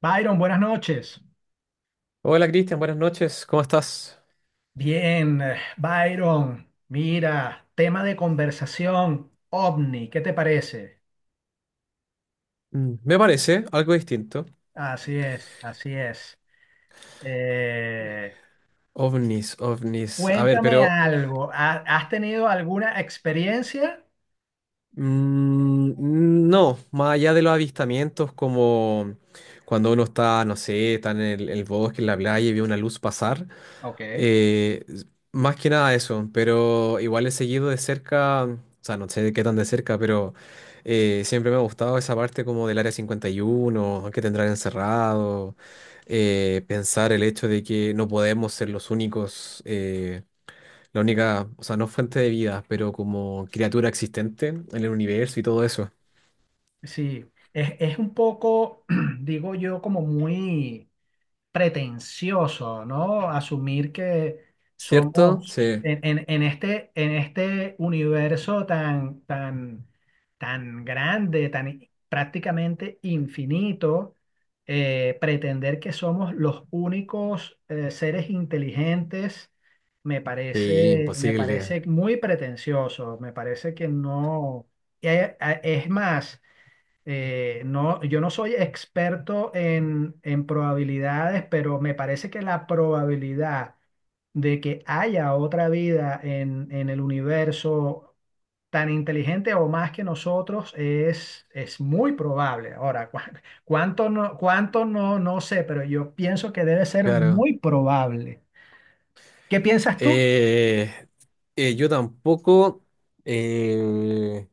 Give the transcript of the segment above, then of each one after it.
Byron, buenas noches. Hola Cristian, buenas noches, ¿cómo estás? Bien, Byron, mira, tema de conversación, ovni, ¿qué te parece? Me parece algo distinto. Así es, así es. Eh, OVNIs, OVNIs. A ver, Cuéntame pero algo, ¿has tenido alguna experiencia? Mm, no, más allá de los avistamientos, como cuando uno está, no sé, está en el bosque, en la playa y ve una luz pasar, Ok. eh, s- más que nada eso, pero igual he seguido de cerca, o sea, no sé de qué tan de cerca, pero siempre me ha gustado esa parte como del Área 51 que tendrán encerrado. Pensar el hecho de que no podemos ser los únicos. La única, o sea, no fuente de vida, pero como criatura existente en el universo y todo eso. Sí, es un poco, digo yo, como muy pretencioso, ¿no? Asumir que ¿Cierto? somos Sí. En este universo tan, tan grande, prácticamente infinito, pretender que somos los únicos seres inteligentes. Sí, Me imposible, parece muy pretencioso, me parece que no. Es más, no, yo no soy experto en probabilidades, pero me parece que la probabilidad de que haya otra vida en el universo tan inteligente o más que nosotros es muy probable. Ahora, cuánto no, no sé, pero yo pienso que debe ser claro. muy probable. ¿Qué piensas tú? Eh, yo tampoco, eh,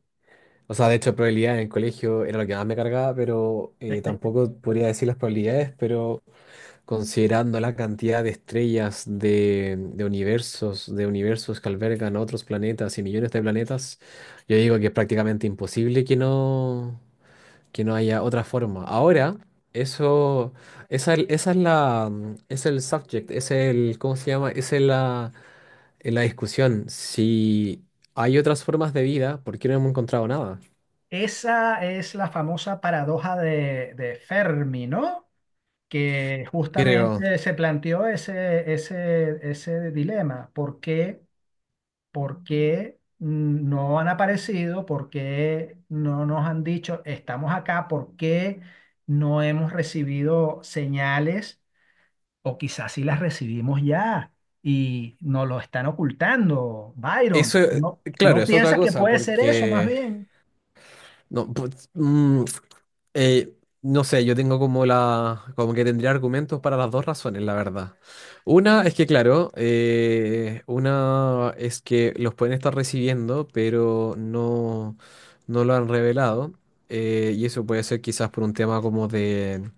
o sea, de hecho, probabilidad en el colegio era lo que más me cargaba, pero tampoco podría decir las probabilidades, pero considerando la cantidad de estrellas, de universos que albergan otros planetas y millones de planetas, yo digo que es prácticamente imposible que no. Que no haya otra forma. Ahora, eso, esa es la, es el subject, es el, ¿cómo se llama? Es la discusión. Si hay otras formas de vida, ¿por qué no hemos encontrado nada? Esa es la famosa paradoja de Fermi, ¿no? Que Creo. justamente se planteó ese dilema. ¿Por qué no han aparecido? ¿Por qué no nos han dicho estamos acá? ¿Por qué no hemos recibido señales? O quizás sí las recibimos ya y nos lo están ocultando, Eso, Byron. ¿No, tú claro, no es otra piensas que cosa, puede ser eso más porque bien? no, pues, Eh, no sé, yo tengo como la, como que tendría argumentos para las dos razones, la verdad. Una es que, claro, una es que los pueden estar recibiendo, pero no lo han revelado. Y eso puede ser quizás por un tema como de,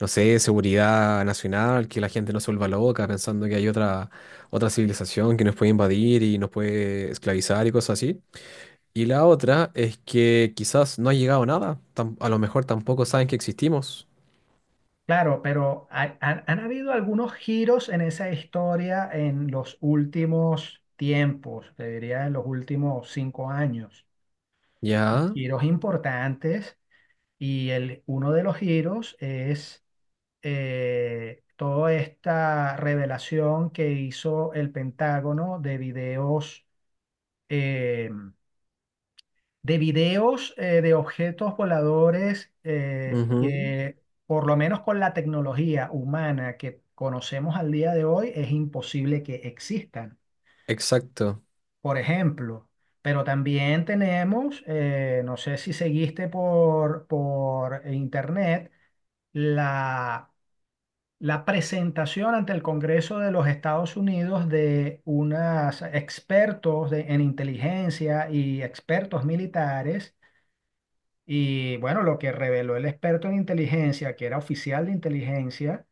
no sé, seguridad nacional, que la gente no se vuelva loca pensando que hay otra, otra civilización que nos puede invadir y nos puede esclavizar y cosas así. Y la otra es que quizás no ha llegado nada. A lo mejor tampoco saben que existimos. Claro, pero han habido algunos giros en esa historia en los últimos tiempos, te diría en los últimos 5 años. Ya. Giros importantes y uno de los giros es toda esta revelación que hizo el Pentágono de videos em, de objetos voladores Ujú. Por lo menos con la tecnología humana que conocemos al día de hoy, es imposible que existan, Exacto. por ejemplo. Pero también tenemos, no sé si seguiste por internet, la, la presentación ante el Congreso de los Estados Unidos de unos expertos en inteligencia y expertos militares. Y bueno, lo que reveló el experto en inteligencia, que era oficial de inteligencia,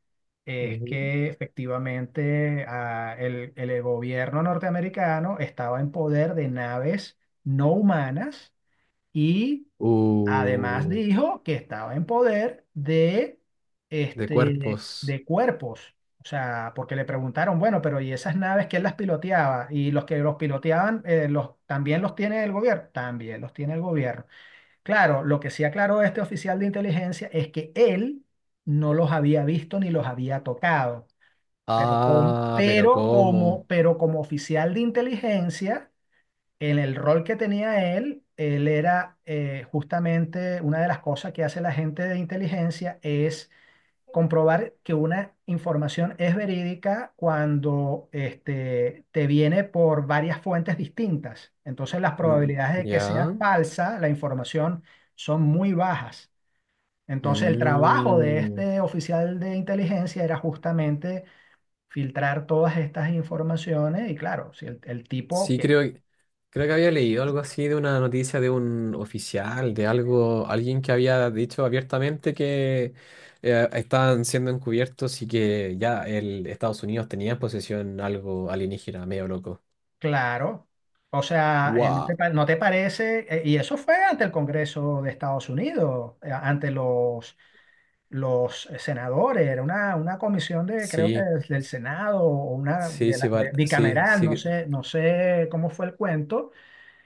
es Ujú. que efectivamente ah, el gobierno norteamericano estaba en poder de naves no humanas y además Uh, dijo que estaba en poder de, de este, cuerpos. de cuerpos. O sea, porque le preguntaron, bueno, pero ¿y esas naves quién las piloteaba? Y los que los piloteaban, los, ¿también los tiene el gobierno? También los tiene el gobierno. Claro, lo que sí aclaró este oficial de inteligencia es que él no los había visto ni los había tocado. Ah, pero ¿cómo? Pero como oficial de inteligencia, en el rol que tenía él, él era justamente una de las cosas que hace la gente de inteligencia es comprobar que una información es verídica cuando este, te viene por varias fuentes distintas. Entonces las Mm, probabilidades de que sea ya. falsa la información son muy bajas. Entonces el trabajo de Mm. este oficial de inteligencia era justamente filtrar todas estas informaciones y claro, si el tipo Sí, que, creo, creo que había leído algo así de una noticia de un oficial, de algo, alguien que había dicho abiertamente que estaban siendo encubiertos y que ya el Estados Unidos tenía en posesión algo alienígena, medio loco. claro, o sea, ¿no te, Wow. No te parece? Y eso fue ante el Congreso de Estados Unidos, ante los senadores, era una comisión de, creo que Sí, del Senado o una sí, sí, sí, bicameral, sí, no sé, no sé cómo fue el cuento,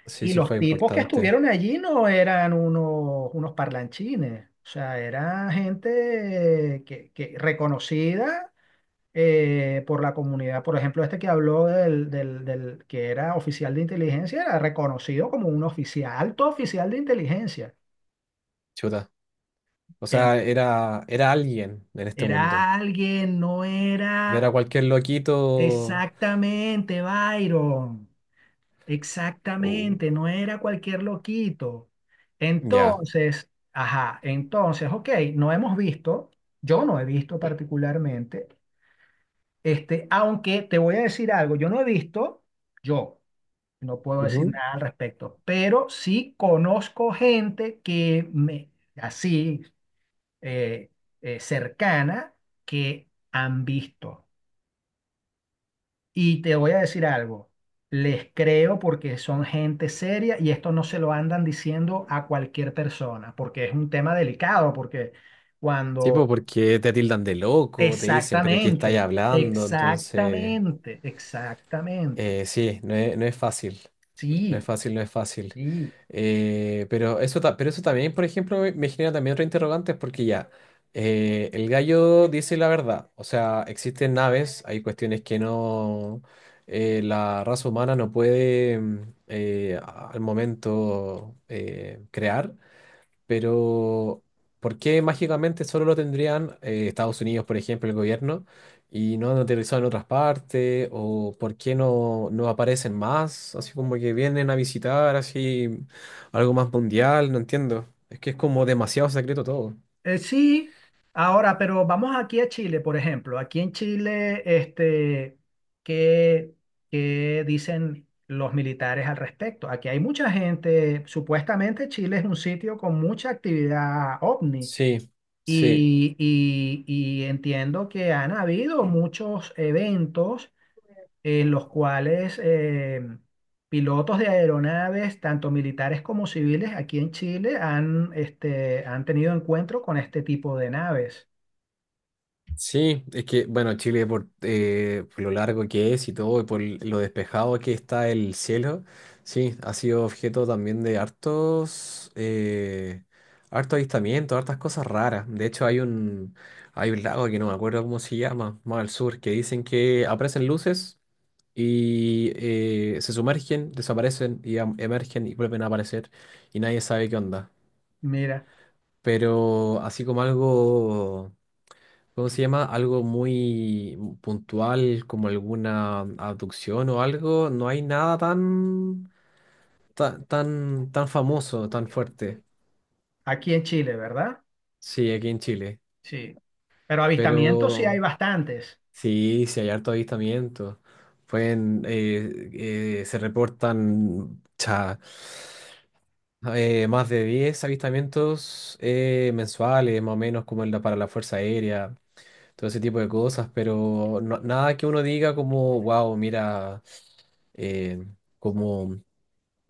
sí, y sí los fue tipos que importante. estuvieron allí no eran unos parlanchines, o sea, era gente que reconocida por la comunidad, por ejemplo, este que habló del que era oficial de inteligencia, era reconocido como un oficial, alto oficial de inteligencia. Chuta. O En- sea, era, era alguien en este mundo. Era alguien, no era. Era cualquier loquito. Exactamente, Byron. Oh, Exactamente, no era cualquier loquito. ya. Entonces, ajá, entonces, ok, no hemos visto, yo no he visto particularmente, este, aunque te voy a decir algo, yo no he visto, yo no puedo decir nada al respecto, pero sí conozco gente que me, así, eh, cercana, que han visto. Y te voy a decir algo, les creo porque son gente seria y esto no se lo andan diciendo a cualquier persona, porque es un tema delicado, porque Sí, pues cuando... porque te tildan de loco, te dicen, pero ¿qué estáis Exactamente, hablando? Entonces, exactamente, exactamente. Sí, no es, no es fácil, no es Sí, fácil, no es fácil. sí. Pero eso, pero eso también, por ejemplo, me genera también otro interrogante, porque ya, el gallo dice la verdad, o sea, existen naves, hay cuestiones que no, la raza humana no puede al momento crear. Pero, ¿por qué mágicamente solo lo tendrían Estados Unidos, por ejemplo, el gobierno, y no han aterrizado en otras partes? ¿O por qué no, no aparecen más? Así como que vienen a visitar, así algo más mundial, no entiendo. Es que es como demasiado secreto todo. Sí, ahora, pero vamos aquí a Chile, por ejemplo. Aquí en Chile, este, ¿qué, qué dicen los militares al respecto? Aquí hay mucha gente, supuestamente Chile es un sitio con mucha actividad ovni Sí, sí. y, y entiendo que han habido muchos eventos en los cuales pilotos de aeronaves, tanto militares como civiles, aquí en Chile han, este, han tenido encuentro con este tipo de naves. Sí, es que, bueno, Chile por lo largo que es y todo, y por lo despejado que está el cielo, sí, ha sido objeto también de hartos, harto avistamiento, hartas cosas raras. De hecho, hay un lago que no me acuerdo cómo se llama, más al sur, que dicen que aparecen luces y se sumergen, desaparecen y emergen y vuelven a aparecer y nadie sabe qué onda. Mira, Pero así como algo... ¿Cómo se llama? Algo muy puntual, como alguna abducción o algo. No hay nada tan, tan, famoso, tan fuerte. aquí en Chile, ¿verdad? Sí, aquí en Chile. Sí. Pero avistamientos sí hay Pero bastantes. sí, sí hay harto avistamiento. Pueden, se reportan más de 10 avistamientos mensuales, más o menos, como en para la Fuerza Aérea, todo ese tipo de cosas. Pero nada que uno diga como, wow, mira. eh, Como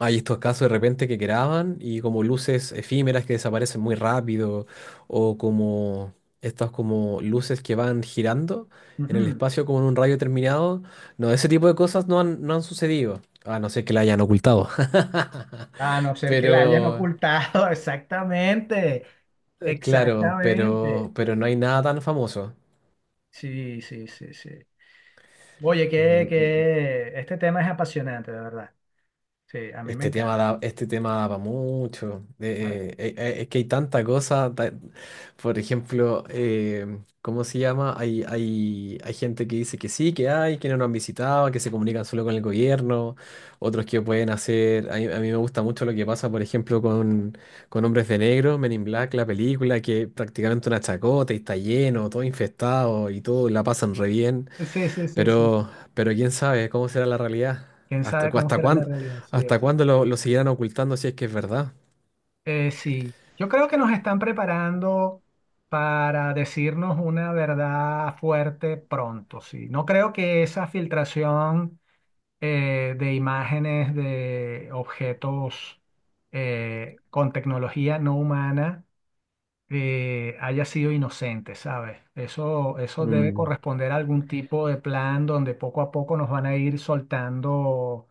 hay estos casos de repente que graban y como luces efímeras que desaparecen muy rápido o como estas como luces que van girando en el Ujú. espacio como en un radio determinado. No, ese tipo de cosas no han, no han sucedido, a no ser que la hayan ocultado. A no ser que la hayan Pero, ocultado, exactamente, claro, exactamente. Pero no hay nada tan famoso. Sí, sí, sí, sí. Oye, Ujú, ujú. que este tema es apasionante, de verdad. Sí, a mí me encanta. Este tema da para mucho. Ahora. Es que hay tanta cosa. Por ejemplo, ¿cómo se llama? Hay gente que dice que sí, que hay, que no nos han visitado, que se comunican solo con el gobierno. Otros que pueden hacer. A mí me gusta mucho lo que pasa, por ejemplo, con Hombres de Negro, Men in Black, la película, que es prácticamente una chacota y está lleno, todo infestado y todo la pasan re bien. Sí, sí, sí, sí. Pero quién sabe cómo será la realidad. Quién ¿Hasta, sabe cómo será la realidad. Sí, hasta exacto. cuándo lo seguirán ocultando si es que es verdad? Sí, yo creo que nos están preparando para decirnos una verdad fuerte pronto. Sí, no creo que esa filtración de imágenes de objetos con tecnología no humana haya sido inocente, ¿sabes? Eso debe Mm, corresponder a algún tipo de plan donde poco a poco nos van a ir soltando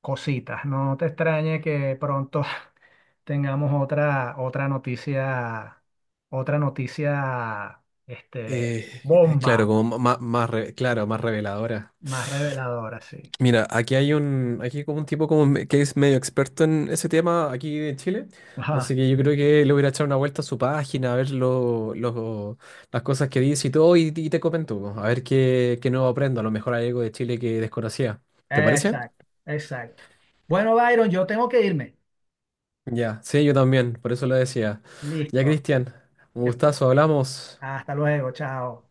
cositas. No te extrañe que pronto tengamos otra noticia, este, Eh, claro, bomba, como más, más, claro, más reveladora. más reveladora, sí. Mira, aquí como un tipo como que es medio experto en ese tema aquí en Chile. Ajá. Así que yo creo que le voy a echar una vuelta a su página, a ver lo, las cosas que dice y todo, y te comento, po, a ver qué, qué nuevo aprendo. A lo mejor hay algo de Chile que desconocía. ¿Te parece? Exacto, exacto. Bueno, Byron, yo tengo que irme. Ya, sí, yo también, por eso lo decía. Ya, Listo. Cristian, un Que- gustazo, hablamos. Hasta luego, chao.